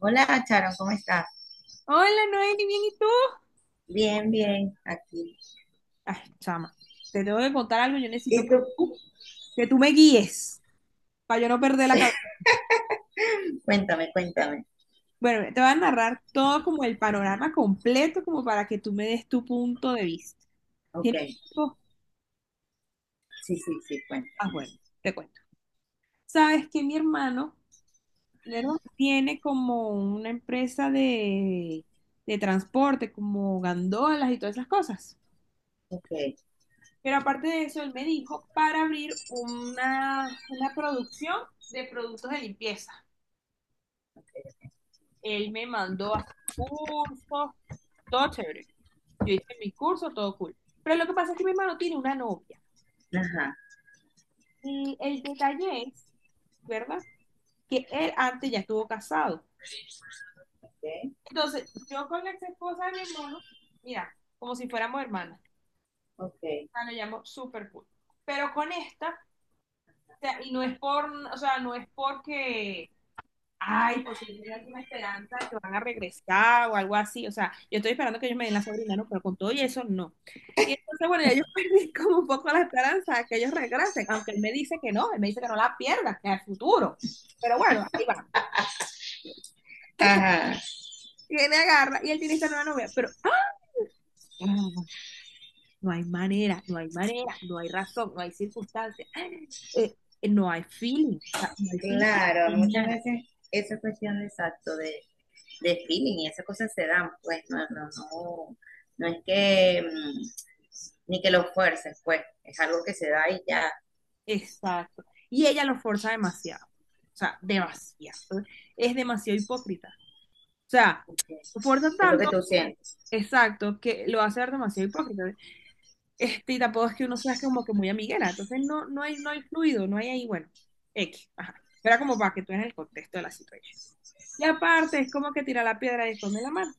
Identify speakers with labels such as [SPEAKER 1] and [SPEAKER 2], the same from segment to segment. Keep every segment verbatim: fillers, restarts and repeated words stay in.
[SPEAKER 1] Hola, Charon, ¿cómo estás?
[SPEAKER 2] Hola Noeli, bien, ¿y tú?
[SPEAKER 1] Bien, bien, aquí.
[SPEAKER 2] Ay, chama, te tengo que contar algo, yo necesito
[SPEAKER 1] ¿Y
[SPEAKER 2] que
[SPEAKER 1] tú?
[SPEAKER 2] tú, que tú me guíes para yo no perder la cabeza.
[SPEAKER 1] Cuéntame, cuéntame.
[SPEAKER 2] Bueno, te voy a narrar todo como el panorama completo, como para que tú me des tu punto de vista.
[SPEAKER 1] Ok,
[SPEAKER 2] ¿Tienes tiempo?
[SPEAKER 1] sí, sí, sí, cuéntame.
[SPEAKER 2] Ah, bueno, te cuento. Sabes que mi hermano, mi hermano tiene como una empresa de, de transporte, como gandolas y todas esas cosas.
[SPEAKER 1] Ok,
[SPEAKER 2] Pero aparte de eso, él me dijo para abrir una, una producción de productos de limpieza.
[SPEAKER 1] ok.
[SPEAKER 2] Él me mandó a hacer cursos, todo chévere. Yo hice mis cursos, todo cool. Pero lo que pasa es que mi hermano tiene una novia.
[SPEAKER 1] Ajá,
[SPEAKER 2] Y el detalle es, ¿verdad? Que él antes ya estuvo casado.
[SPEAKER 1] ok,
[SPEAKER 2] Entonces, yo con la ex esposa de mi hermano, mira, como si fuéramos hermanas.
[SPEAKER 1] ok.
[SPEAKER 2] Ah, lo llamo super cool. Pero con esta, o sea, y no es por, o sea, no es porque ay, porque tienen alguna esperanza de que van a regresar o algo así. O sea, yo estoy esperando que ellos me den la sobrina, ¿no? Pero con todo y eso, no. Y entonces, bueno, ya yo perdí como un poco la esperanza de que ellos regresen, aunque él me dice que no, él me dice que no la pierda, que es el futuro. Pero bueno, ahí va.
[SPEAKER 1] Ajá,
[SPEAKER 2] Tiene agarra y él tiene esta nueva novia, pero ¡ah! no no hay manera, no hay manera, no hay razón, no hay circunstancia, eh, no hay feeling, o sea, no hay feeling,
[SPEAKER 1] claro, muchas
[SPEAKER 2] nada.
[SPEAKER 1] veces esa cuestión de exacto de, de feeling y esas cosas se dan, pues no, no, no, no es que mm, ni que lo fuerces, pues es algo que se da y ya,
[SPEAKER 2] Exacto. Y ella lo forza demasiado. O sea, demasiado. Es demasiado hipócrita. O sea,
[SPEAKER 1] ok.
[SPEAKER 2] lo forza
[SPEAKER 1] Es lo que
[SPEAKER 2] tanto,
[SPEAKER 1] tú sientes,
[SPEAKER 2] exacto, que lo hace ver demasiado hipócrita. Este, y tampoco es que uno sea como que muy amiguera. Entonces no, no hay, no hay fluido, no hay ahí, bueno, X. Ajá. Era como para que tú en el contexto de la situación. Y aparte, es como que tira la piedra y esconde la mano.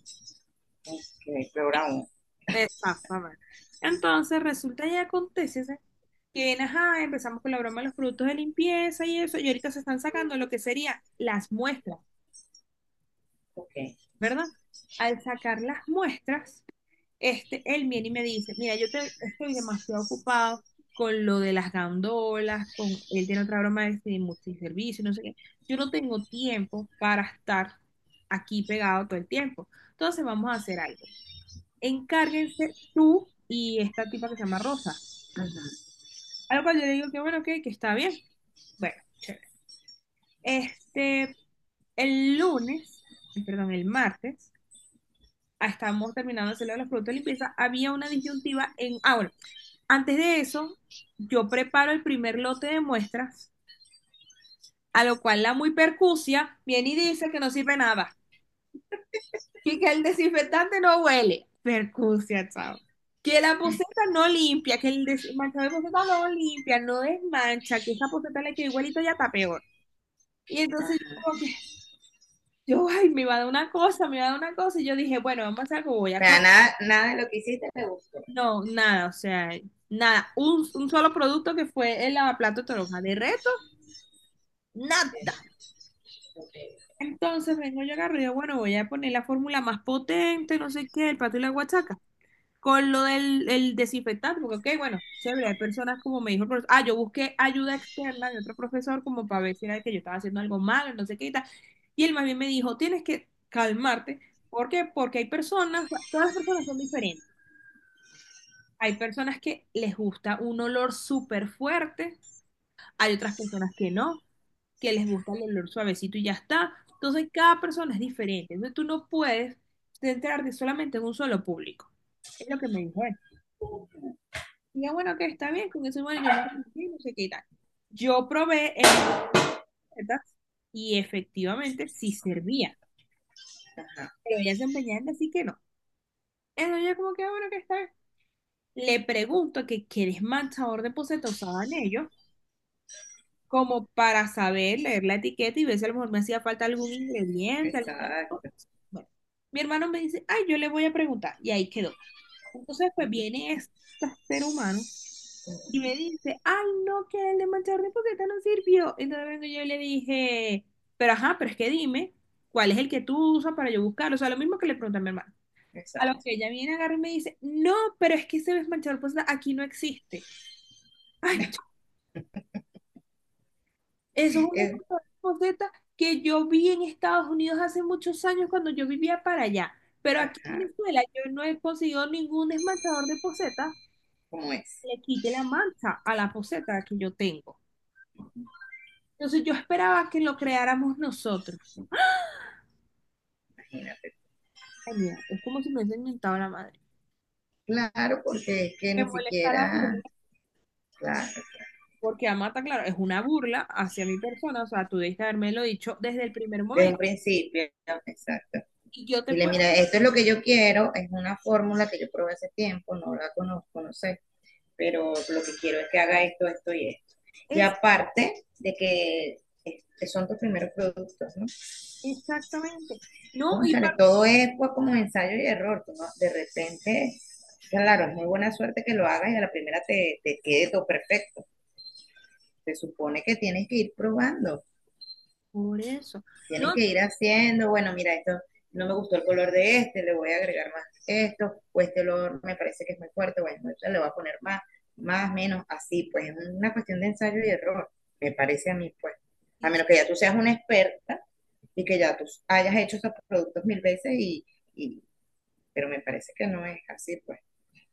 [SPEAKER 1] que es peor aún.
[SPEAKER 2] Exactamente. Entonces resulta y acontece, ¿sí? Que bien, ajá, empezamos con la broma de los productos de limpieza y eso, y ahorita se están sacando lo que serían las muestras,
[SPEAKER 1] Ok,
[SPEAKER 2] ¿verdad? Al sacar las muestras, este, él viene y me dice, mira, yo te- estoy demasiado ocupado con lo de las gandolas, con, él tiene otra broma de este multiservicio, no sé qué, yo no tengo tiempo para estar aquí pegado todo el tiempo, entonces vamos a hacer algo. Encárguense tú y esta tipa que se llama Rosa.
[SPEAKER 1] ajá,
[SPEAKER 2] A lo cual yo le digo que bueno, que, que está bien. Bueno, chévere. Este, el lunes, eh, perdón, el martes, ah, estábamos terminando de hacerlo de los productos de limpieza, había una disyuntiva en... Ah, bueno, antes de eso, yo preparo el primer lote de muestras, a lo cual la muy percucia viene y dice que no sirve nada, y que el desinfectante no huele. Percucia, chao. Que la poseta no limpia, que el des- manchado de poseta no limpia, no desmancha, que esa poseta le queda igualito y hasta peor. Y entonces yo
[SPEAKER 1] ajá.
[SPEAKER 2] como que, yo, ay, me iba a dar una cosa, me iba a dar una cosa. Y yo dije, bueno, vamos a hacer algo, voy
[SPEAKER 1] O
[SPEAKER 2] a
[SPEAKER 1] sea,
[SPEAKER 2] cortar.
[SPEAKER 1] nada, nada de lo que hiciste te gustó.
[SPEAKER 2] No, nada, o sea, nada. Un, un solo producto que fue el lavaplato de toronja. De reto, nada.
[SPEAKER 1] Ok, ok.
[SPEAKER 2] Entonces vengo yo agarro y digo, bueno, voy a poner la fórmula más potente, no sé qué, el pato y la guachaca, con lo del el desinfectante, porque, ok, bueno, chévere, hay personas como me dijo el profesor, ah, yo busqué ayuda externa de otro profesor como para ver si era que yo estaba haciendo algo mal, no sé qué y tal. Y él más bien me dijo, tienes que calmarte, ¿por qué? Porque hay personas, todas las personas son diferentes. Hay personas que les gusta un olor súper fuerte, hay otras personas que no, que les gusta el olor suavecito y ya está. Entonces, cada persona es diferente. Entonces, tú no puedes centrarte solamente en un solo público. Es lo que me dijo él. Y yo, bueno, que está bien, con eso, bueno, yo me arrepentí, no sé qué y tal. Yo probé el de recetas y efectivamente sí servía,
[SPEAKER 1] Ajá,
[SPEAKER 2] pero ella se empeñaba en decir que no. Entonces yo como que, ah, bueno, que está bien. Le pregunto que qué desmanchador de poceta usaban ellos, como para saber leer la etiqueta y ver si a lo mejor me hacía falta algún ingrediente, alguna cosa.
[SPEAKER 1] exacto.
[SPEAKER 2] Bueno, mi hermano me dice, ay, yo le voy a preguntar, y ahí quedó. Entonces, pues viene este ser humano y me dice, ay, no, que el de Manchester Poqueta no sirvió. Entonces yo le dije, pero ajá, pero es que dime, ¿cuál es el que tú usas para yo buscar? O sea, lo mismo que le pregunté a mi hermana. A lo
[SPEAKER 1] Exacto.
[SPEAKER 2] que ella viene, agarra y me dice, no, pero es que ese desmanchador poseta aquí no existe. Ay, ch- Eso es una
[SPEAKER 1] Es-
[SPEAKER 2] cosa poseta que yo vi en Estados Unidos hace muchos años cuando yo vivía para allá. Pero aquí en
[SPEAKER 1] ajá,
[SPEAKER 2] Venezuela yo no he conseguido ningún desmanchador de poseta
[SPEAKER 1] como es,
[SPEAKER 2] que le quite la mancha a la poseta que yo tengo. Entonces yo esperaba que lo creáramos nosotros.
[SPEAKER 1] imagínate.
[SPEAKER 2] Ay, mira, es como si me hubiesen inventado la madre.
[SPEAKER 1] Claro, porque es que
[SPEAKER 2] Me
[SPEAKER 1] ni
[SPEAKER 2] molesta la
[SPEAKER 1] siquiera,
[SPEAKER 2] burla,
[SPEAKER 1] claro,
[SPEAKER 2] porque Amata, claro, es una burla hacia mi persona, o sea, tú debiste lo dicho desde el primer
[SPEAKER 1] desde un
[SPEAKER 2] momento.
[SPEAKER 1] principio, exacto.
[SPEAKER 2] Y yo te
[SPEAKER 1] Y le
[SPEAKER 2] puedo...
[SPEAKER 1] mira, esto es lo que yo quiero, es una fórmula que yo probé hace tiempo, no la conozco, no sé, pero lo que quiero es que haga esto, esto y esto. Y
[SPEAKER 2] Es
[SPEAKER 1] aparte de que este, son tus primeros productos, ¿no?
[SPEAKER 2] exactamente. No, y
[SPEAKER 1] Cónchale,
[SPEAKER 2] para...
[SPEAKER 1] todo es, pues, como ensayo y error. Tú no- De repente, claro, es muy buena suerte que lo hagas y a la primera te, te quede todo perfecto. Se supone que tienes que ir probando,
[SPEAKER 2] Por eso.
[SPEAKER 1] tienes
[SPEAKER 2] No,
[SPEAKER 1] que ir haciendo. Bueno, mira, esto no me gustó el color de este, le voy a agregar más esto, o este olor me parece que es muy fuerte, bueno, ya le voy a poner más, más, menos, así; pues es una cuestión de ensayo y error, me parece a mí, pues. A menos que ya tú seas una experta y que ya tú hayas hecho esos productos mil veces, y pero me parece que no es así, pues.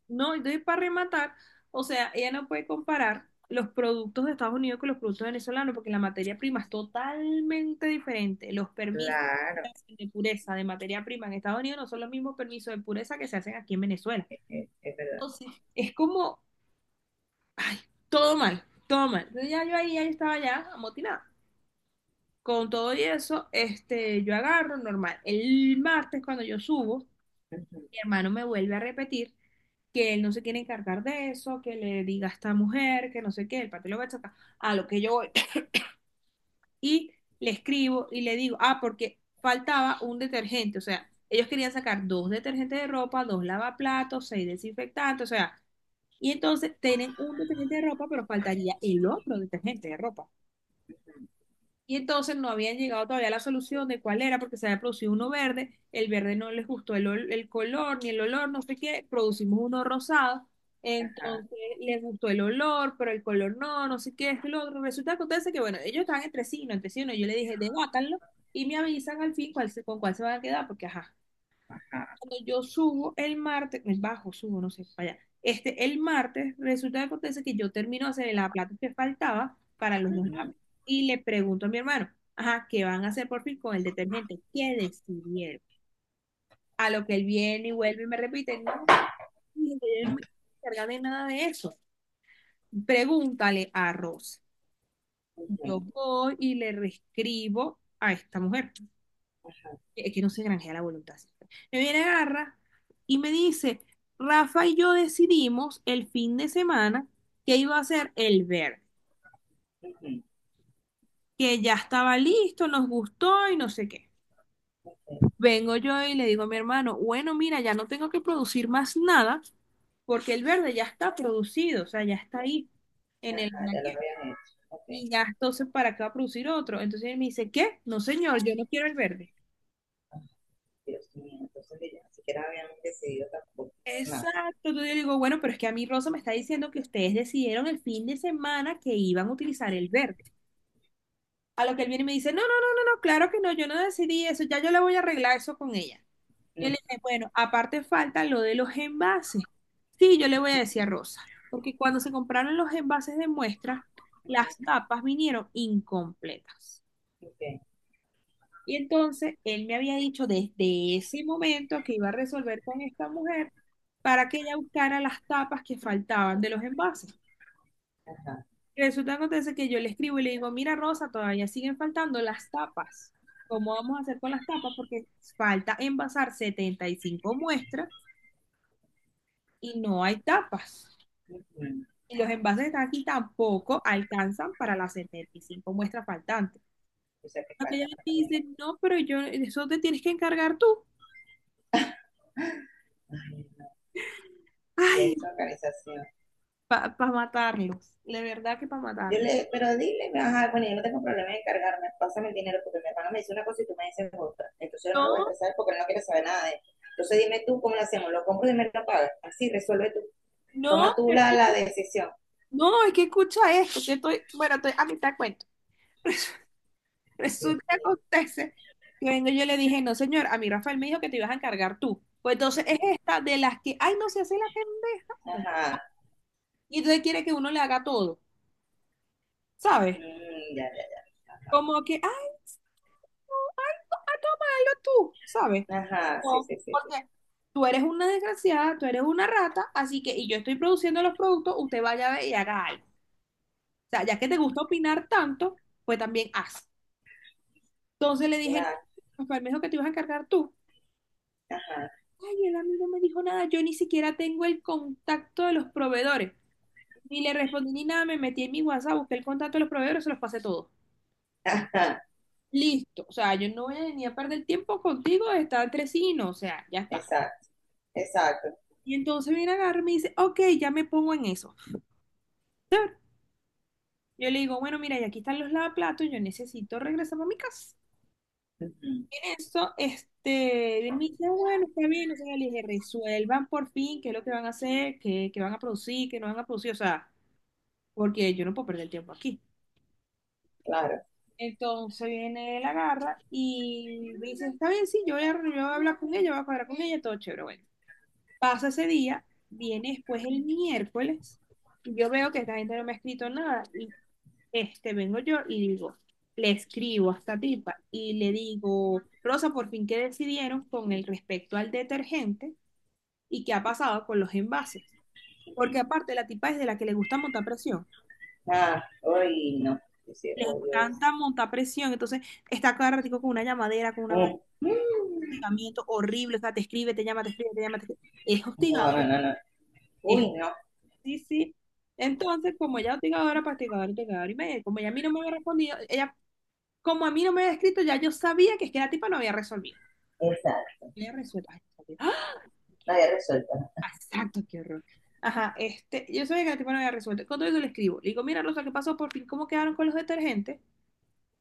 [SPEAKER 2] no, entonces para rematar, o sea, ella no puede comparar los productos de Estados Unidos con los productos venezolanos porque la materia prima es totalmente diferente. Los permisos que
[SPEAKER 1] Claro,
[SPEAKER 2] hacen de pureza de materia prima en Estados Unidos no son los mismos permisos de pureza que se hacen aquí en Venezuela.
[SPEAKER 1] es, es verdad.
[SPEAKER 2] Entonces, es como, ay, todo mal, todo mal. Entonces ya yo ahí, ya yo estaba ya amotinada. Con todo y eso, este, yo agarro normal. El martes cuando yo subo,
[SPEAKER 1] Ujú,
[SPEAKER 2] mi hermano me vuelve a repetir que él no se quiere encargar de eso, que le diga a esta mujer, que no sé qué, el patrón lo va a sacar, a lo que yo voy. Y le escribo y le digo, ah, porque faltaba un detergente, o sea, ellos querían sacar dos detergentes de ropa, dos lavaplatos, seis desinfectantes, o sea, y entonces tienen un detergente de ropa, pero faltaría el otro detergente de ropa. Y entonces no habían llegado todavía a la solución de cuál era, porque se había producido uno verde, el verde no les gustó el, ol- el color ni el olor, no sé qué, producimos uno rosado,
[SPEAKER 1] ajá,
[SPEAKER 2] entonces les gustó el olor, pero el color no, no sé qué, es lo otro. Resulta que acontece que, bueno, ellos estaban entre sí, no entre sí, no. Yo le dije, debátanlo y me avisan al fin cuál se- con cuál se van a quedar, porque ajá.
[SPEAKER 1] ajá,
[SPEAKER 2] Cuando yo subo el martes, me bajo, subo, no sé, para allá. Este, el martes, resulta que acontece que yo termino de hacer la plata que faltaba para los dos
[SPEAKER 1] ujú,
[SPEAKER 2] lápices. Y le pregunto a mi hermano, ajá, ¿qué van a hacer por fin con el detergente? ¿Qué decidieron? A lo que él viene y vuelve y me repite, no, yo no me encargo de nada de eso. Pregúntale a Rosa. Yo
[SPEAKER 1] ujú,
[SPEAKER 2] voy y le reescribo a esta mujer, que que no se granjea la voluntad. Sí. Me viene Garra y me dice, Rafa y yo decidimos el fin de semana que iba a ser el verde,
[SPEAKER 1] ujú,
[SPEAKER 2] que ya estaba listo, nos gustó y no sé qué. Vengo yo y le digo a mi hermano, bueno, mira, ya no tengo que producir más nada porque el verde ya está producido, o sea, ya está ahí en el,
[SPEAKER 1] ajá, ya lo habían hecho. Ok.
[SPEAKER 2] y ya entonces para qué va a producir otro. Entonces él me dice, ¿qué? No, señor, yo no quiero el verde.
[SPEAKER 1] Ah, Dios mío, entonces ni siquiera habíamos decidido tampoco. Nada.
[SPEAKER 2] Exacto, entonces yo digo, bueno, pero es que a mí Rosa me está diciendo que ustedes decidieron el fin de semana que iban a utilizar el verde. A lo que él viene y me dice, no, no, no, no, no, claro que no, yo no decidí eso, ya yo le voy a arreglar eso con ella. Él
[SPEAKER 1] Mm,
[SPEAKER 2] le dice, bueno, aparte falta lo de los envases. Sí, yo le voy a decir a Rosa, porque cuando se compraron los envases de muestra, las
[SPEAKER 1] ujú,
[SPEAKER 2] tapas vinieron incompletas.
[SPEAKER 1] ok,
[SPEAKER 2] Y entonces él me había dicho desde ese momento que iba a resolver con esta mujer para que ella buscara las tapas que faltaban de los envases.
[SPEAKER 1] ajá,
[SPEAKER 2] Y resulta que acontece que yo le escribo y le digo, mira Rosa, todavía siguen faltando las tapas. ¿Cómo vamos a hacer con las tapas? Porque falta envasar setenta y cinco muestras y no hay tapas.
[SPEAKER 1] ujú.
[SPEAKER 2] Y los envases que están aquí tampoco alcanzan para las setenta y cinco muestras faltantes.
[SPEAKER 1] O sea que
[SPEAKER 2] Aquella
[SPEAKER 1] falta
[SPEAKER 2] vez me
[SPEAKER 1] también.
[SPEAKER 2] dice, no, pero yo, eso te tienes que encargar tú.
[SPEAKER 1] Ay,
[SPEAKER 2] Ay,
[SPEAKER 1] qué organización.
[SPEAKER 2] para matarlos, de verdad que para
[SPEAKER 1] Yo
[SPEAKER 2] matarlos.
[SPEAKER 1] le, pero dile, ajá, bueno, yo no tengo problema en encargarme, pásame el dinero, porque mi hermano me dice una cosa y tú me dices otra. Entonces yo no lo voy a
[SPEAKER 2] No,
[SPEAKER 1] estresar, porque él no quiere saber nada de él. Entonces dime tú cómo lo hacemos, lo compro y me lo pagas. Así resuelve tú,
[SPEAKER 2] no,
[SPEAKER 1] toma tú la, la decisión.
[SPEAKER 2] no, es que escucha esto, que estoy, bueno, estoy a mitad de cuento.
[SPEAKER 1] Dios
[SPEAKER 2] Resulta que
[SPEAKER 1] mío.
[SPEAKER 2] acontece que vengo y yo le dije, no, señor, a mí Rafael me dijo que te ibas a encargar tú. Pues entonces es
[SPEAKER 1] Ujú.
[SPEAKER 2] esta de las que, ay, no se hace la pendeja.
[SPEAKER 1] Ajá,
[SPEAKER 2] Y entonces quiere que uno le haga todo, ¿sabes?
[SPEAKER 1] mm, ya, ya, ya. Ajá,
[SPEAKER 2] Como que, ay, tú, ay, to- ay, tómalo tú, ¿sabes?
[SPEAKER 1] ajá, sí,
[SPEAKER 2] No,
[SPEAKER 1] sí, sí, sí.
[SPEAKER 2] porque tú eres una desgraciada, tú eres una rata, así que, y yo estoy produciendo los productos, usted vaya a ver y haga algo. O sea, ya que te gusta opinar tanto, pues también haz. Entonces le dije, no,
[SPEAKER 1] La,
[SPEAKER 2] Rafael me dijo que te ibas a encargar tú.
[SPEAKER 1] ajá,
[SPEAKER 2] Ay, el amigo me dijo nada, yo ni siquiera tengo el contacto de los proveedores. Ni le respondí ni nada, me metí en mi WhatsApp, busqué el contacto de los proveedores, se los pasé todo.
[SPEAKER 1] ajá,
[SPEAKER 2] Listo, o sea, yo no voy a ni a perder tiempo contigo, está entre sí y no, o sea, ya está.
[SPEAKER 1] exacto, exacto.
[SPEAKER 2] Y entonces viene a agarrarme y me dice, ok, ya me pongo en eso. Yo le digo, bueno, mira, y aquí están los lavaplatos, yo necesito regresar a mi casa.
[SPEAKER 1] Ujú,
[SPEAKER 2] Eso, este, y él me dice, "Ah, bueno, está bien, o sea, le dije, resuelvan por fin qué es lo que van a hacer, qué, qué van a producir, qué no van a producir, o sea, porque yo no puedo perder tiempo aquí".
[SPEAKER 1] claro.
[SPEAKER 2] Entonces viene la garra y me dice, está bien, sí, yo voy a, yo voy a hablar con ella, voy a cuadrar con ella, todo chévere, bueno. Pasa ese día, viene después el miércoles, y yo veo que esta gente no me ha escrito nada. Este, vengo yo y digo, le escribo a esta tipa y le digo, Rosa, por fin, ¿qué decidieron con el respecto al detergente y qué ha pasado con los envases? Porque aparte la tipa es de la que le gusta montar presión.
[SPEAKER 1] Ah, uy, no. Dice,
[SPEAKER 2] Les
[SPEAKER 1] oh,
[SPEAKER 2] encanta
[SPEAKER 1] Dios.
[SPEAKER 2] montar presión, entonces está cada ratico con una llamadera, con una vaina
[SPEAKER 1] Mm,
[SPEAKER 2] de
[SPEAKER 1] mm.
[SPEAKER 2] hostigamiento horrible, o sea, te escribe, te llama, te escribe, te llama, te escribe. Es
[SPEAKER 1] No,
[SPEAKER 2] hostigador
[SPEAKER 1] no, no, no.
[SPEAKER 2] es,
[SPEAKER 1] Uy, no.
[SPEAKER 2] sí, sí. Entonces, como ella es hostigadora, hostigadora, hostigadora y media, como ella a mí no me había respondido, ella, como a mí no me había escrito, ya yo sabía que es que la tipa no había resolvido.
[SPEAKER 1] Exacto,
[SPEAKER 2] Le resuelto. Ay, resuelto. ¡Ah!
[SPEAKER 1] no
[SPEAKER 2] ¡Qué
[SPEAKER 1] había resuelto, ¿no?
[SPEAKER 2] Exacto, qué horror. Ajá, este, yo sabía que el tipo no había resuelto. Con todo eso le escribo. Le digo, mira, Rosa, ¿qué pasó por fin? ¿Cómo quedaron con los detergentes?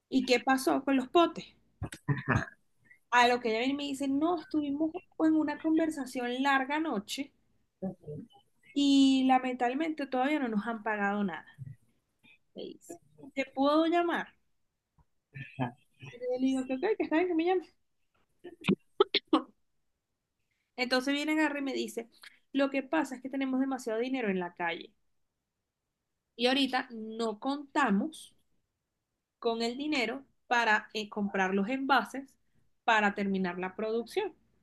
[SPEAKER 2] ¿Y qué pasó con los potes? A lo que ella viene y me dice, no, estuvimos en una conversación larga noche
[SPEAKER 1] Ujú.
[SPEAKER 2] y lamentablemente todavía no nos han pagado nada. Me dice, ¿te puedo llamar?
[SPEAKER 1] Claro,
[SPEAKER 2] Y yo le digo, que ok, que está bien que me llame. Entonces viene Gary y me dice, lo que pasa es que tenemos demasiado dinero en la calle y ahorita no contamos con el dinero para eh, comprar los envases para terminar la producción, o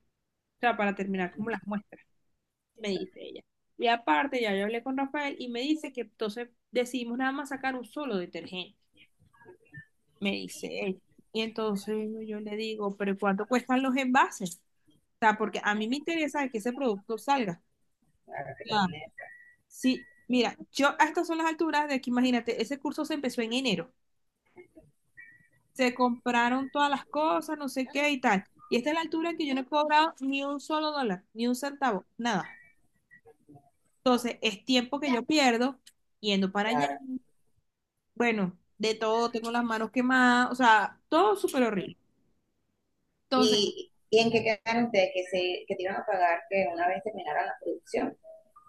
[SPEAKER 2] sea, para terminar como las muestras, me
[SPEAKER 1] exacto,
[SPEAKER 2] dice ella. Y aparte, ya yo hablé con Rafael y me dice que entonces decidimos nada más sacar un solo detergente, me dice ella. Y entonces yo le digo, pero ¿cuánto cuestan los envases? O sea, porque a mí me interesa que ese producto salga.
[SPEAKER 1] ahora que
[SPEAKER 2] Ah,
[SPEAKER 1] termine,
[SPEAKER 2] sí, mira, yo a estas son las alturas de que imagínate, ese curso se empezó en enero. Se compraron todas las cosas, no sé qué y tal. Y esta es la altura en que yo no he cobrado ni un solo dólar, ni un centavo, nada. Entonces, es tiempo que yo pierdo yendo para allá.
[SPEAKER 1] claro.
[SPEAKER 2] Bueno, de todo, tengo las manos quemadas, o sea, todo súper horrible. Entonces,
[SPEAKER 1] ¿Y, y en qué quedaron ustedes? ¿Que, se, que te iban a pagar que una vez terminara la producción?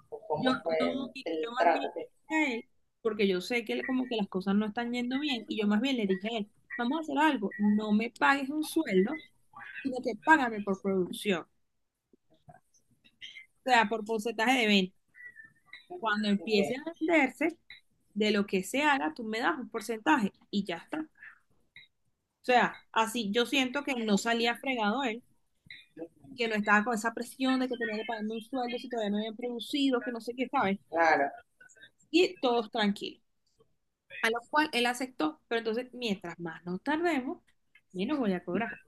[SPEAKER 1] ¿O
[SPEAKER 2] yo
[SPEAKER 1] cómo fue
[SPEAKER 2] no,
[SPEAKER 1] el,
[SPEAKER 2] mira, yo
[SPEAKER 1] el
[SPEAKER 2] más
[SPEAKER 1] trato?
[SPEAKER 2] bien
[SPEAKER 1] Que,
[SPEAKER 2] le dije a él, porque yo sé que le- como que las cosas no están yendo bien, y yo más bien le dije a él, vamos a hacer algo, no me pagues un sueldo, sino que págame por producción, o sea, por porcentaje de venta. Cuando empiece
[SPEAKER 1] ok,
[SPEAKER 2] a venderse, de lo que se haga, tú me das un porcentaje y ya está. O sea, así yo siento que no salía fregado él, que no estaba con esa presión de que tenía que pagarme un sueldo si todavía no habían producido, que no sé qué, ¿sabes?
[SPEAKER 1] claro,
[SPEAKER 2] Y todos tranquilos. A lo cual él aceptó, pero entonces, mientras más nos tardemos, menos voy a cobrar.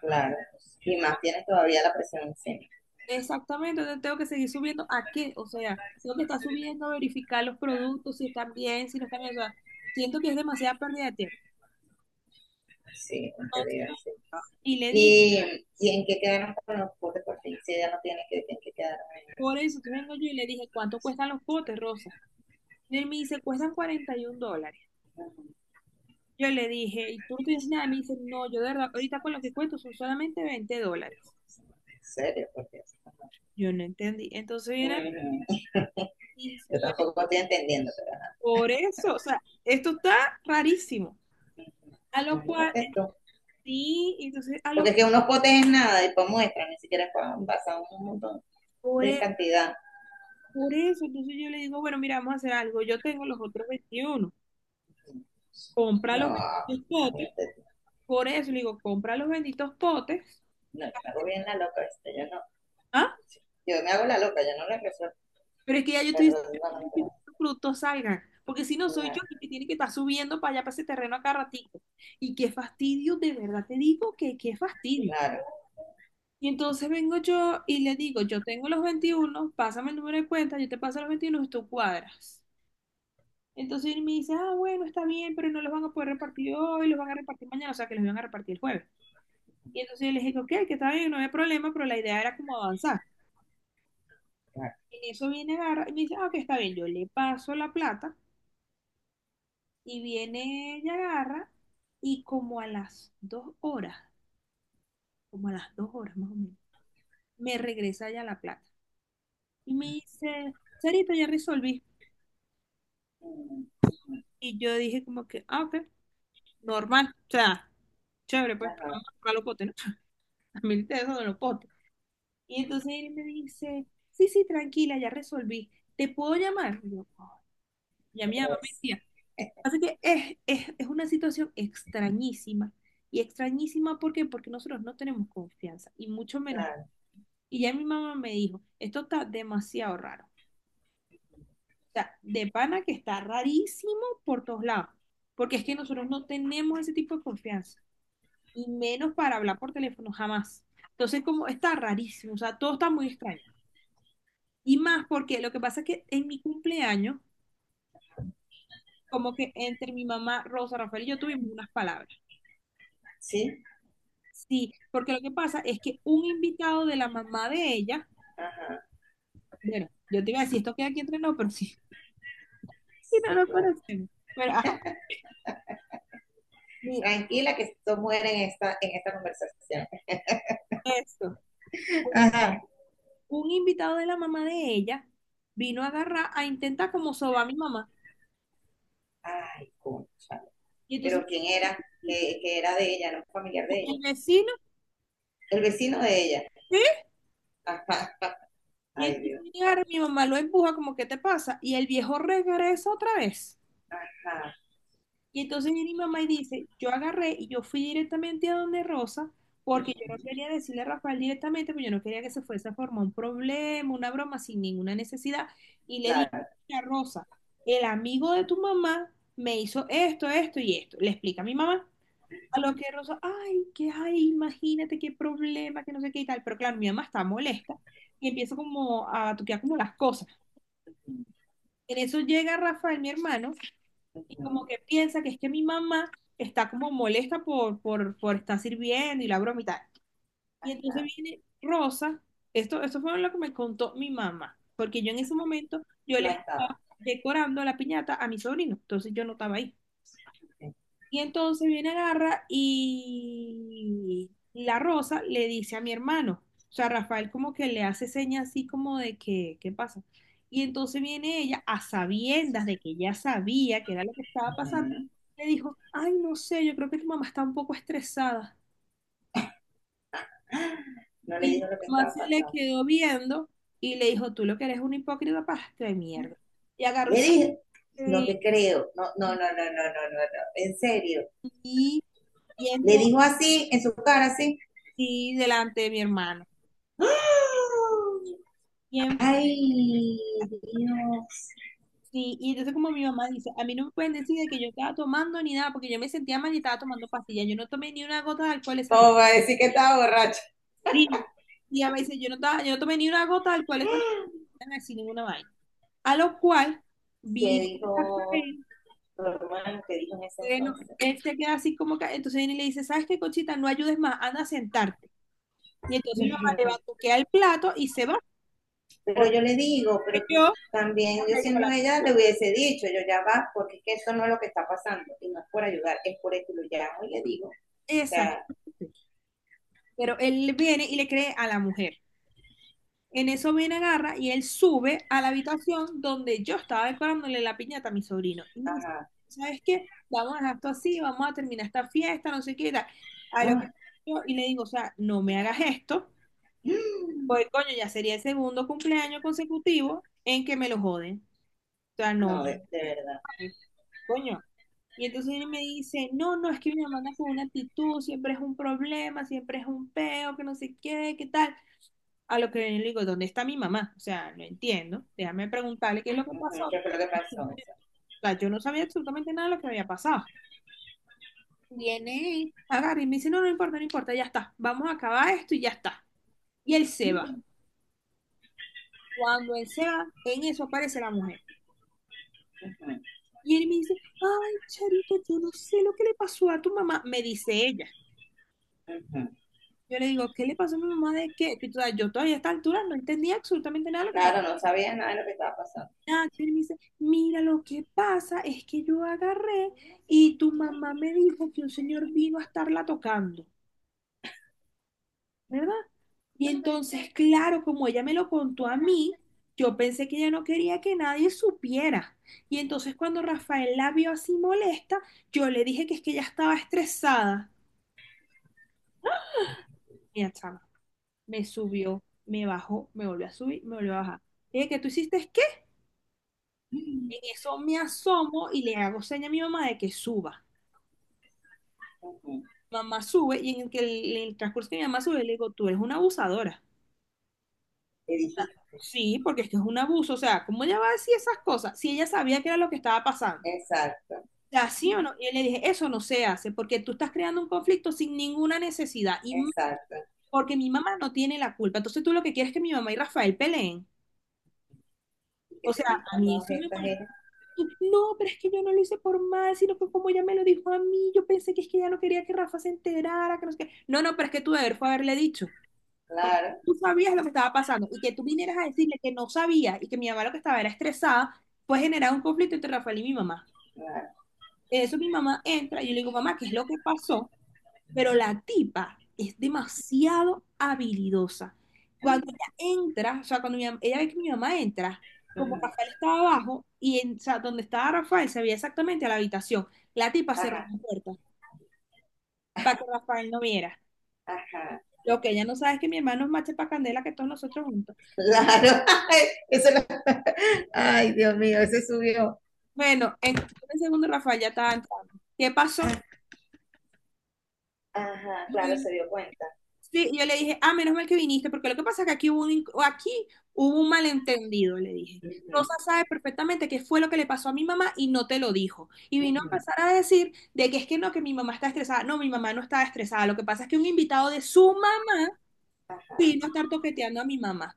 [SPEAKER 1] claro. Y más tienes todavía la presión encima.
[SPEAKER 2] Exactamente, entonces tengo que seguir subiendo a qué, o sea, tengo que estar subiendo a verificar los productos, si están bien, si no están bien, o sea, siento que es demasiada pérdida de tiempo.
[SPEAKER 1] Sí, en realidad,
[SPEAKER 2] Entonces,
[SPEAKER 1] sí.
[SPEAKER 2] y le dije,
[SPEAKER 1] ¿Y, y en qué quedaron con los botes por fin? Si ya no tienes que, en qué quedaron.
[SPEAKER 2] por eso, entonces vengo yo y le dije, ¿cuánto cuestan los potes, Rosa? Y él me dice, cuestan cuarenta y un dólares.
[SPEAKER 1] Ujú.
[SPEAKER 2] Yo le dije, ¿y tú no tienes nada? Me dice, no, yo de verdad, ahorita con lo que cuento son solamente veinte dólares.
[SPEAKER 1] ¿En serio? Porque
[SPEAKER 2] Yo no entendí. Entonces viene y y
[SPEAKER 1] yo
[SPEAKER 2] yo,
[SPEAKER 1] tampoco estoy entendiendo,
[SPEAKER 2] por eso, o sea, esto está rarísimo. A
[SPEAKER 1] pero
[SPEAKER 2] lo cual,
[SPEAKER 1] imagínate tú.
[SPEAKER 2] sí, entonces, a
[SPEAKER 1] Porque
[SPEAKER 2] lo
[SPEAKER 1] es que unos potes es nada y para muestra, ni siquiera es para envasar un montón
[SPEAKER 2] por,
[SPEAKER 1] de
[SPEAKER 2] e-
[SPEAKER 1] cantidad.
[SPEAKER 2] por eso, entonces yo le digo, bueno, mira, vamos a hacer algo. Yo tengo los otros veintiuno, compra
[SPEAKER 1] No,
[SPEAKER 2] los benditos potes.
[SPEAKER 1] imagínate tú.
[SPEAKER 2] Por eso le digo, compra los benditos potes.
[SPEAKER 1] No, yo me hago bien la loca, ¿viste? Yo no.
[SPEAKER 2] ¿Ah?
[SPEAKER 1] Yo me hago la loca, yo no la resuelvo.
[SPEAKER 2] Pero es que ya yo estoy
[SPEAKER 1] Pero
[SPEAKER 2] diciendo yo
[SPEAKER 1] no, no,
[SPEAKER 2] necesito
[SPEAKER 1] pero-
[SPEAKER 2] que los productos salgan. Porque si no, soy yo
[SPEAKER 1] claro,
[SPEAKER 2] el que tiene que estar subiendo para allá, para ese terreno a cada ratito. Y qué fastidio, de verdad te digo que qué fastidio.
[SPEAKER 1] claro,
[SPEAKER 2] Y entonces vengo yo y le digo, yo tengo los veintiuno, pásame el número de cuenta, yo te paso los veintiuno y tú cuadras. Entonces él me dice, ah, bueno, está bien, pero no los van a poder repartir hoy, los van a repartir mañana, o sea que los van a repartir el jueves. Y entonces yo le dije, ok, que está bien, no hay problema, pero la idea era como avanzar.
[SPEAKER 1] claro.
[SPEAKER 2] En eso viene agarra y me dice, ah, ok, está bien, yo le paso la plata. Y viene ella, agarra, y como a las dos horas, como a las dos horas más o menos, me regresa ya la plata. Y me dice, Sarita, ya resolví.
[SPEAKER 1] Mm,
[SPEAKER 2] Y yo dije como que, ah, ok, normal, o sea, chévere, pues, pero
[SPEAKER 1] ajá,
[SPEAKER 2] vamos a tocar los potes, ¿no? A mí te dejo de los potes. Y entonces él me dice, sí, sí, tranquila, ya resolví, ¿te puedo llamar? Y yo, "Ay". Y a
[SPEAKER 1] otra
[SPEAKER 2] mi mamá me
[SPEAKER 1] vez.
[SPEAKER 2] decía, así que es, es, es una situación extrañísima. Y extrañísima, ¿por qué? Porque nosotros no tenemos confianza, y mucho menos.
[SPEAKER 1] Claro,
[SPEAKER 2] Y ya mi mamá me dijo, esto está demasiado raro. O sea, de pana que está rarísimo por todos lados. Porque es que nosotros no tenemos ese tipo de confianza. Y menos para hablar por teléfono, jamás. Entonces, como está rarísimo. O sea, todo está muy extraño. Y más porque lo que pasa es que en mi cumpleaños, como que entre mi mamá, Rosa, Rafael y yo tuvimos unas palabras.
[SPEAKER 1] sí,
[SPEAKER 2] Sí, porque lo que pasa es que un invitado de la mamá de ella,
[SPEAKER 1] ajá,
[SPEAKER 2] bueno, yo te iba a decir, esto queda aquí entre nosotros, pero sí, y
[SPEAKER 1] sí,
[SPEAKER 2] no lo
[SPEAKER 1] claro.
[SPEAKER 2] conocemos. Pero, ajá, mira,
[SPEAKER 1] Tranquila, que esto muere en esta, en esta conversación.
[SPEAKER 2] eso.
[SPEAKER 1] Ajá.
[SPEAKER 2] Un invitado de la mamá de ella vino a agarrar, a intentar como sobar a mi mamá.
[SPEAKER 1] Ay, concha.
[SPEAKER 2] Y entonces
[SPEAKER 1] Pero ¿quién era? Que, que era de ella, no un familiar de
[SPEAKER 2] el
[SPEAKER 1] ella.
[SPEAKER 2] vecino,
[SPEAKER 1] El vecino de ella.
[SPEAKER 2] ¿sí?
[SPEAKER 1] Ajá.
[SPEAKER 2] Y
[SPEAKER 1] Ay,
[SPEAKER 2] entonces
[SPEAKER 1] Dios.
[SPEAKER 2] viene y agarra, mi mamá lo empuja como, ¿qué te pasa? Y el viejo regresa otra vez.
[SPEAKER 1] Ajá.
[SPEAKER 2] Y entonces viene mi mamá y dice, yo agarré y yo fui directamente a donde Rosa, porque yo no quería decirle a Rafael directamente, porque yo no quería que se fuese a formar un problema, una broma sin ninguna necesidad. Y le dije,
[SPEAKER 1] Claro.
[SPEAKER 2] mira, Rosa, el amigo de tu mamá me hizo esto, esto y esto. Le explica a mi mamá. A lo que Rosa, ay, qué ay, imagínate qué problema, que no sé qué y tal. Pero claro, mi mamá está molesta y empieza como a batuquear como las cosas. En eso llega Rafael, mi hermano, y como
[SPEAKER 1] Bueno,
[SPEAKER 2] que piensa que es que mi mamá está como molesta por, por, por, estar sirviendo y la broma y tal. Y entonces viene Rosa, esto, esto fue lo que me contó mi mamá, porque yo en ese momento, yo le
[SPEAKER 1] no estaba.
[SPEAKER 2] estaba decorando la piñata a mi sobrino, entonces yo no estaba ahí. Y entonces viene, agarra y la rosa le dice a mi hermano, o sea, Rafael como que le hace señas así como de que, ¿qué pasa? Y entonces viene ella a sabiendas de que ya sabía que era lo que estaba pasando, le dijo, ay, no sé, yo creo que tu mamá está un poco estresada.
[SPEAKER 1] No le
[SPEAKER 2] Y mi
[SPEAKER 1] dijo lo que
[SPEAKER 2] mamá
[SPEAKER 1] estaba
[SPEAKER 2] se le
[SPEAKER 1] pasando.
[SPEAKER 2] quedó viendo y le dijo, tú lo que eres un hipócrita pastre de mierda. Y agarró
[SPEAKER 1] Le
[SPEAKER 2] y se
[SPEAKER 1] dije, no
[SPEAKER 2] fue,
[SPEAKER 1] te creo. No, no, no, no,
[SPEAKER 2] y,
[SPEAKER 1] no, no, no, no. En serio.
[SPEAKER 2] y, y
[SPEAKER 1] Le
[SPEAKER 2] entonces,
[SPEAKER 1] dijo así, en su cara, así.
[SPEAKER 2] y delante de mi hermano.
[SPEAKER 1] ¡Ah!
[SPEAKER 2] Y en
[SPEAKER 1] Ay, Dios.
[SPEAKER 2] Sí, y entonces como mi mamá dice, a mí no me pueden decir de que yo estaba tomando ni nada, porque yo me sentía mal y estaba tomando pastillas. Yo no tomé ni una gota de alcohol esa
[SPEAKER 1] ¿Cómo
[SPEAKER 2] noche.
[SPEAKER 1] va a decir que estaba borracho?
[SPEAKER 2] Sí. Y ella me dice, yo no estaba, yo no tomé ni una gota de alcohol esa noche, así ninguna vaina. A lo cual,
[SPEAKER 1] Que
[SPEAKER 2] viene
[SPEAKER 1] dijo,
[SPEAKER 2] Rafael,
[SPEAKER 1] normal, que dijo en ese
[SPEAKER 2] bueno,
[SPEAKER 1] entonces.
[SPEAKER 2] él se queda así como que, entonces viene y le dice, ¿sabes qué, Conchita? No ayudes más, anda a sentarte. Y entonces mi mamá le batuquea el plato y se va,
[SPEAKER 1] Pero
[SPEAKER 2] porque
[SPEAKER 1] yo le digo, pero
[SPEAKER 2] yo...
[SPEAKER 1] también yo, siendo
[SPEAKER 2] la-
[SPEAKER 1] ella, le hubiese dicho, yo, ya va, porque es que eso no es lo que está pasando, y no es por ayudar, es por esto, y lo llamo y le digo, o sea,
[SPEAKER 2] Exacto. Pero él viene y le cree a la mujer. En eso viene, agarra y él sube a la habitación donde yo estaba decorándole la piñata a mi sobrino. Y me dice,
[SPEAKER 1] ajá,
[SPEAKER 2] ¿sabes qué? Vamos a dejar esto así, vamos a terminar esta fiesta, no sé qué y tal. A lo que
[SPEAKER 1] ah,
[SPEAKER 2] yo y le digo, o sea, no me hagas esto,
[SPEAKER 1] mm,
[SPEAKER 2] porque coño, ya sería el segundo cumpleaños consecutivo en que me lo joden. O sea, no me
[SPEAKER 1] no, de, de verdad.
[SPEAKER 2] joden, coño. Y entonces él me dice, no, no, es que mi mamá anda con una actitud, siempre es un problema, siempre es un peo, que no sé qué, qué tal. A lo que yo le digo, ¿dónde está mi mamá? O sea, no entiendo. Déjame preguntarle qué es lo que
[SPEAKER 1] Ujú,
[SPEAKER 2] pasó.
[SPEAKER 1] ¿qué
[SPEAKER 2] O
[SPEAKER 1] fue lo que pasó? O sea,
[SPEAKER 2] sea, yo no sabía absolutamente nada de lo que había pasado. Viene, agarra y me dice, no, no importa, no importa, ya está. Vamos a acabar esto y ya está. Y él se va.
[SPEAKER 1] mm,
[SPEAKER 2] Cuando él se va, en eso aparece la mujer.
[SPEAKER 1] ujú,
[SPEAKER 2] Y él me dice, ay, Charito, yo no sé lo que le pasó a tu mamá. Me dice ella.
[SPEAKER 1] ujú.
[SPEAKER 2] Yo le digo, ¿qué le pasó a mi mamá de qué? Que, o sea, yo todavía a esta altura no entendía absolutamente nada de lo que estaba.
[SPEAKER 1] Claro, no sabía nada de lo que estaba pasando.
[SPEAKER 2] Nacho, y me dice, mira, lo que pasa es que yo agarré y tu mamá me dijo que un señor vino a estarla tocando, ¿verdad? Y entonces, claro, como ella me lo contó a mí, yo pensé que ella no quería que nadie supiera. Y entonces cuando Rafael la vio así molesta, yo le dije que es que ella estaba estresada. Mira, chama, me subió, me bajó, me volvió a subir, me volvió a bajar. Le dije, ¿qué tú hiciste? ¿Qué? En eso me asomo y le hago seña a mi mamá de que suba.
[SPEAKER 1] Ujú,
[SPEAKER 2] Mamá sube y en el, que el, en el transcurso que mi mamá sube, le digo, tú eres una abusadora.
[SPEAKER 1] le dijiste,
[SPEAKER 2] Sí, porque es que es un abuso. O sea, ¿cómo ella va a decir esas cosas si ella sabía que era lo que estaba pasando?
[SPEAKER 1] exacto.
[SPEAKER 2] O sea, ¿sí o no? Y yo le dije, eso no se hace porque tú estás creando un conflicto sin ninguna necesidad y m-
[SPEAKER 1] Exacto.
[SPEAKER 2] porque mi mamá no tiene la culpa. Entonces tú lo que quieres es que mi mamá y Rafael peleen.
[SPEAKER 1] Y que
[SPEAKER 2] O sea,
[SPEAKER 1] te dijo
[SPEAKER 2] a
[SPEAKER 1] a
[SPEAKER 2] mí
[SPEAKER 1] todas
[SPEAKER 2] eso me
[SPEAKER 1] estas
[SPEAKER 2] molesta.
[SPEAKER 1] ella,
[SPEAKER 2] No, pero es que yo no lo hice por mal, sino que como ella me lo dijo a mí, yo pensé que es que ella no quería que Rafa se enterara, que no sé qué. No, no, pero es que tú deber fue haberle dicho. Porque
[SPEAKER 1] claro,
[SPEAKER 2] tú sabías lo que estaba pasando y que tú vinieras a decirle que no sabía y que mi mamá lo que estaba era estresada, pues generar un conflicto entre Rafael y mi mamá.
[SPEAKER 1] claro,
[SPEAKER 2] En eso mi mamá entra y yo le digo, mamá, ¿qué es lo que pasó? Pero la tipa es demasiado habilidosa. Cuando ella entra, o sea, cuando mi mam- ella ve que mi mamá entra, como
[SPEAKER 1] ujú,
[SPEAKER 2] Rafael estaba abajo y en, o sea, donde estaba Rafael se veía exactamente a la habitación. La tipa cerró
[SPEAKER 1] ajá,
[SPEAKER 2] la puerta para que Rafael no viera.
[SPEAKER 1] ajá,
[SPEAKER 2] Lo que ella no sabe es que mi hermano es mache para candela que todos nosotros juntos.
[SPEAKER 1] claro. Ay, eso lo- ay, Dios mío, ese subió.
[SPEAKER 2] Bueno, en cuestión de segundos Rafael ya estaba entrando. ¿Qué pasó?
[SPEAKER 1] Ah, ajá,
[SPEAKER 2] Y
[SPEAKER 1] claro,
[SPEAKER 2] él-
[SPEAKER 1] se dio cuenta.
[SPEAKER 2] sí, yo le dije, ah, menos mal que viniste, porque lo que pasa es que aquí hubo un, in- o aquí hubo un malentendido, le dije. Rosa
[SPEAKER 1] Ujú,
[SPEAKER 2] sabe perfectamente qué fue lo que le pasó a mi mamá y no te lo dijo. Y vino a
[SPEAKER 1] ujú,
[SPEAKER 2] empezar a decir de que es que no, que mi mamá está estresada. No, mi mamá no estaba estresada. Lo que pasa es que un invitado de suma
[SPEAKER 1] ajá,
[SPEAKER 2] vino a estar toqueteando a mi mamá.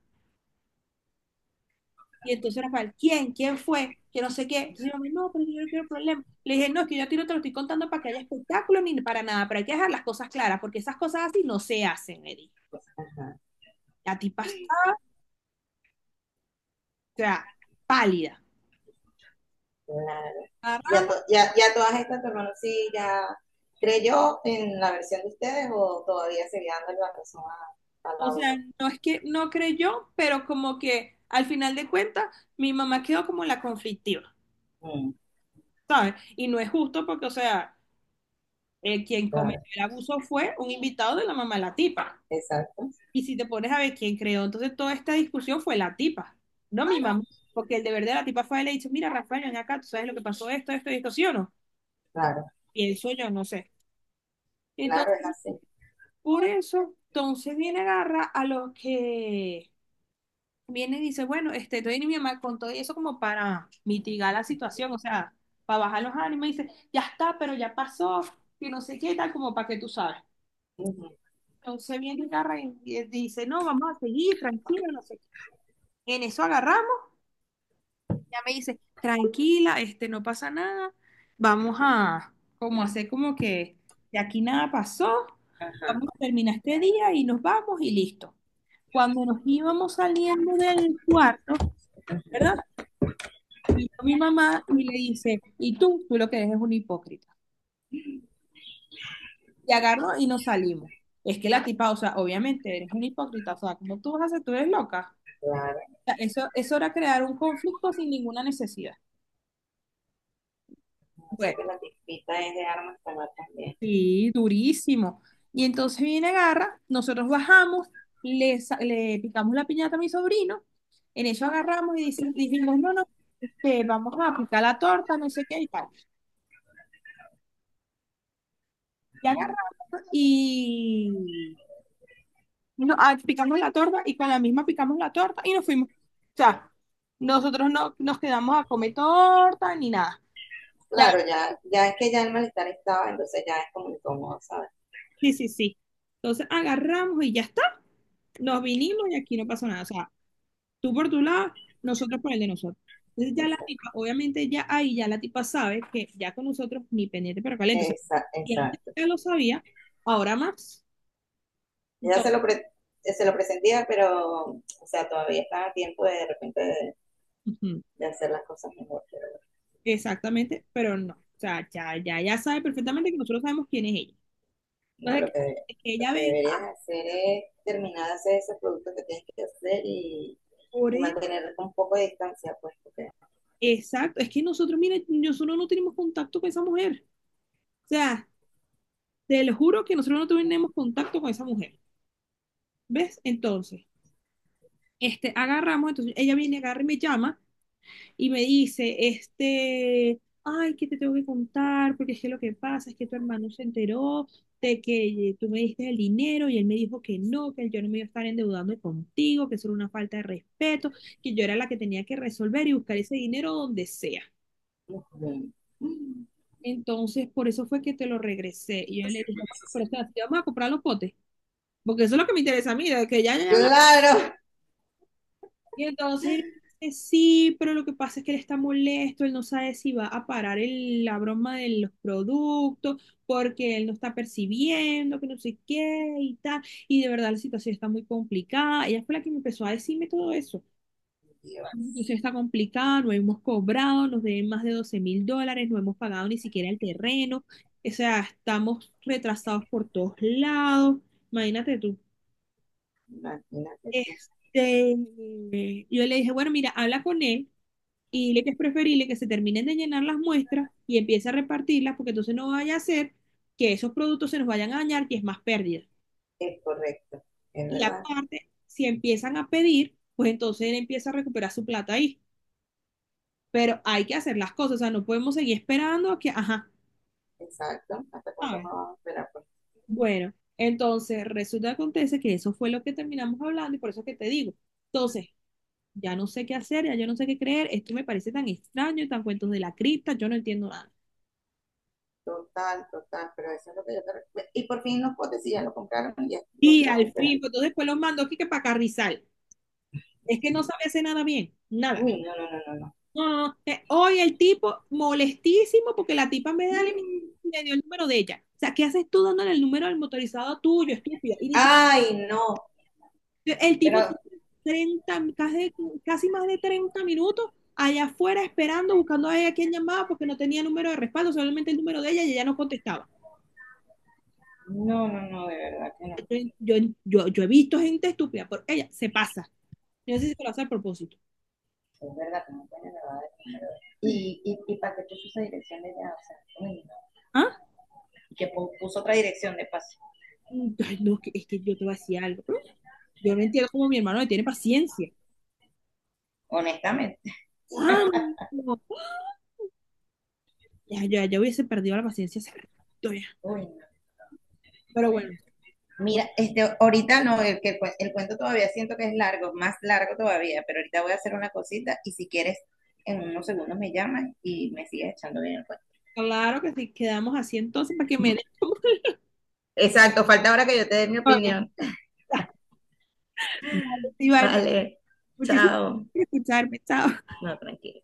[SPEAKER 2] Y entonces Rafael, ¿quién? ¿Quién fue? Que no sé qué. Entonces yo, no, pero yo no quiero problema. Le dije, no, es que yo a ti no te lo estoy contando para que haya espectáculo ni para nada, pero hay que dejar las cosas claras, porque esas cosas así no se hacen, Eddie.
[SPEAKER 1] pues, ajá,
[SPEAKER 2] La tipa está, o sea, pálida.
[SPEAKER 1] claro. Ya,
[SPEAKER 2] Agarramos,
[SPEAKER 1] to- ya, ya todas estas, tu hermano, sí, ya creyó en la versión de ustedes o todavía seguía dando la razón a, a
[SPEAKER 2] o
[SPEAKER 1] la
[SPEAKER 2] sea,
[SPEAKER 1] otra.
[SPEAKER 2] no es que no creyó, pero como que al final de cuentas, mi mamá quedó como la conflictiva,
[SPEAKER 1] Mm,
[SPEAKER 2] ¿sabes? Y no es justo porque, o sea, eh, quien cometió
[SPEAKER 1] claro,
[SPEAKER 2] el abuso fue un invitado de la mamá de la tipa.
[SPEAKER 1] exacto,
[SPEAKER 2] Y si te pones a ver quién creó, entonces toda esta discusión fue la tipa, no mi mamá,
[SPEAKER 1] exacto,
[SPEAKER 2] porque el deber de la tipa fue, le dicho, mira, Rafael, ven acá, tú sabes lo que pasó, esto, esto y esto, ¿sí o no?
[SPEAKER 1] claro,
[SPEAKER 2] Pienso yo, no sé.
[SPEAKER 1] claro, es
[SPEAKER 2] Entonces,
[SPEAKER 1] así.
[SPEAKER 2] por eso, entonces viene agarra a los que viene y dice, bueno, este, estoy en mi mamá con todo eso como para mitigar la situación, o sea, para bajar los ánimos, y dice, ya está, pero ya pasó, que no sé qué tal, como para que tú sabes. Entonces viene y agarra y y dice, no, vamos a seguir, tranquilo, no sé qué. En eso agarra. Ella me dice, tranquila, este, no pasa nada, vamos a como hacer como que de aquí nada pasó,
[SPEAKER 1] Ajá.
[SPEAKER 2] vamos a terminar este día y nos vamos y listo. Cuando nos íbamos saliendo del cuarto, ¿verdad? Vino mi mamá y le dice, y tú, tú lo que eres es un hipócrita. Y agarró y nos salimos. Es que la tipa, o sea, obviamente eres un hipócrita, o sea, ¿cómo tú vas a hacer? Tú eres loca.
[SPEAKER 1] Claro,
[SPEAKER 2] O sea, eso, eso era crear un conflicto sin ninguna necesidad.
[SPEAKER 1] o sea
[SPEAKER 2] Bueno.
[SPEAKER 1] que la tispita es de armas tomar también.
[SPEAKER 2] Sí, durísimo. Y entonces viene, agarra, nosotros bajamos, le, sa- le picamos la piñata a mi sobrino, en eso agarramos y dice- dijimos, no, no, este, vamos a picar la torta, no sé qué y tal. Y agarramos y no, ah, picamos la torta y con la misma picamos la torta y nos fuimos. O sea, nosotros no nos quedamos a comer torta ni nada. Y aga-
[SPEAKER 1] Claro, ya, ya es que ya el malestar estaba, entonces ya es como incómodo, ¿sabes?
[SPEAKER 2] sí, sí, sí. Entonces agarramos y ya está, nos vinimos y aquí no pasó nada. O sea, tú por tu lado, nosotros por el de nosotros. Entonces ya la
[SPEAKER 1] Exacto,
[SPEAKER 2] tipa, obviamente ya ahí ya la tipa sabe que ya con nosotros ni pendiente pero caliente. O sea, y antes
[SPEAKER 1] exacto.
[SPEAKER 2] ya lo sabía, ahora más.
[SPEAKER 1] Ella se
[SPEAKER 2] Entonces,
[SPEAKER 1] lo, pre- se lo presentía, pero, o sea, todavía estaba a tiempo de de repente, de,
[SPEAKER 2] ujú,
[SPEAKER 1] de hacer las cosas mejor, pero
[SPEAKER 2] exactamente, pero no. O sea, ya, ya, ya sabe perfectamente que nosotros sabemos quién es ella.
[SPEAKER 1] no. lo
[SPEAKER 2] Entonces,
[SPEAKER 1] que,
[SPEAKER 2] que que
[SPEAKER 1] lo
[SPEAKER 2] ella
[SPEAKER 1] que
[SPEAKER 2] venga
[SPEAKER 1] deberías hacer es terminar de hacer esos productos que tienes que hacer y,
[SPEAKER 2] por
[SPEAKER 1] y
[SPEAKER 2] él.
[SPEAKER 1] mantener un poco de distancia, pues, porque...
[SPEAKER 2] Exacto. Es que nosotros, mira, nosotros no tenemos contacto con esa mujer. O sea, te lo juro que nosotros no tenemos contacto con esa mujer. ¿Ves? Entonces, este, agarramos, entonces ella viene, agarra y me llama y me dice, este, ay, que te tengo que contar, porque es que lo que pasa es que tu hermano se enteró de que tú me diste el dinero y él me dijo que no, que yo no me iba a estar endeudando contigo, que eso era una falta de respeto, que yo era la que tenía que resolver y buscar ese dinero donde sea.
[SPEAKER 1] Ujú.
[SPEAKER 2] Entonces, por eso fue que te lo regresé. Y yo le dije, bueno, pero o sea, ¿sí vamos a comprar los potes, porque eso es lo que me interesa a mí, de que ya, ya, ya?
[SPEAKER 1] Claro,
[SPEAKER 2] Y entonces él dice, sí, pero lo que pasa es que él está molesto, él no sabe si va a parar el- la broma de los productos, porque él no está percibiendo, que no sé qué y tal. Y de verdad la situación está muy complicada. Ella fue la que me empezó a decirme todo eso. La
[SPEAKER 1] Dios.
[SPEAKER 2] situación está complicada, no hemos cobrado, nos deben más de doce mil dólares, no hemos pagado ni siquiera el terreno. O sea, estamos retrasados por todos lados. Imagínate tú.
[SPEAKER 1] Imagínate tú.
[SPEAKER 2] Este, yo le dije, bueno, mira, habla con él y le que es preferible que se terminen de llenar las muestras y empiece a repartirlas, porque entonces no vaya a ser que esos productos se nos vayan a dañar y es más pérdida.
[SPEAKER 1] Es correcto, es
[SPEAKER 2] Y
[SPEAKER 1] verdad,
[SPEAKER 2] aparte, si empiezan a pedir, pues entonces él empieza a recuperar su plata ahí. Pero hay que hacer las cosas, o sea, no podemos seguir esperando a que, ajá,
[SPEAKER 1] exacto. ¿Hasta cuánto
[SPEAKER 2] ¿sabes?
[SPEAKER 1] más vamos a esperar? Pues,
[SPEAKER 2] Bueno, entonces resulta que acontece que eso fue lo que terminamos hablando y por eso es que te digo. Entonces, ya no sé qué hacer, ya yo no sé qué creer, esto me parece tan extraño, tan cuentos de la cripta, yo no entiendo nada.
[SPEAKER 1] total, total, pero eso es lo que yo te recuerdo. Y por fin los potes, sí, ya lo compraron y ya lo
[SPEAKER 2] Y
[SPEAKER 1] estaban
[SPEAKER 2] al
[SPEAKER 1] esperando.
[SPEAKER 2] fin, pues, entonces después los mandó aquí que para Carrizal. Es que no sabe hacer nada bien, nada.
[SPEAKER 1] Uy, no, no, no, no, no.
[SPEAKER 2] No, no, no. Eh, hoy el tipo molestísimo porque la tipa me da el-
[SPEAKER 1] Mm.
[SPEAKER 2] me dio el número de ella. O sea, ¿qué haces tú dándole el número del motorizado tuyo, estúpida? Y ni
[SPEAKER 1] Ay, no,
[SPEAKER 2] siquiera, el tipo
[SPEAKER 1] pero
[SPEAKER 2] treinta casi, casi más de treinta minutos allá afuera esperando, buscando a ella quien llamaba porque no tenía número de respaldo, solamente el número de ella y ella no contestaba.
[SPEAKER 1] no, no, no, de verdad que no.
[SPEAKER 2] Yo, yo, yo, yo he visto gente estúpida, pero ella se pasa. Yo no sé si lo hace al propósito.
[SPEAKER 1] Es verdad que no tiene nada de número. Y, y, y para qué puso esa dirección de ya? O sea, uy, no.
[SPEAKER 2] ¿Ah?
[SPEAKER 1] Y que pu- puso otra dirección de paso,
[SPEAKER 2] Mm, Ay, no, que- es que yo te voy a decir algo. Yo no entiendo cómo mi hermano le tiene paciencia.
[SPEAKER 1] honestamente.
[SPEAKER 2] ¿Cuándo? Ya, ya, ya hubiese perdido la paciencia hace rato ya.
[SPEAKER 1] Uy, no,
[SPEAKER 2] Pero
[SPEAKER 1] no.
[SPEAKER 2] bueno,
[SPEAKER 1] Mira,
[SPEAKER 2] entonces,
[SPEAKER 1] este, ahorita no, el, que el, cue- el cuento todavía siento que es largo, más largo todavía, pero ahorita voy a hacer una cosita y, si quieres, en unos segundos me llamas y me sigues echando bien el cuento.
[SPEAKER 2] claro que sí, quedamos así entonces para que me des tu
[SPEAKER 1] Exacto, falta ahora que yo te dé mi
[SPEAKER 2] historia.
[SPEAKER 1] opinión.
[SPEAKER 2] Dale, Iván,
[SPEAKER 1] Vale,
[SPEAKER 2] muchísimas
[SPEAKER 1] chao.
[SPEAKER 2] gracias por escucharme. Chao.
[SPEAKER 1] No, tranquilo.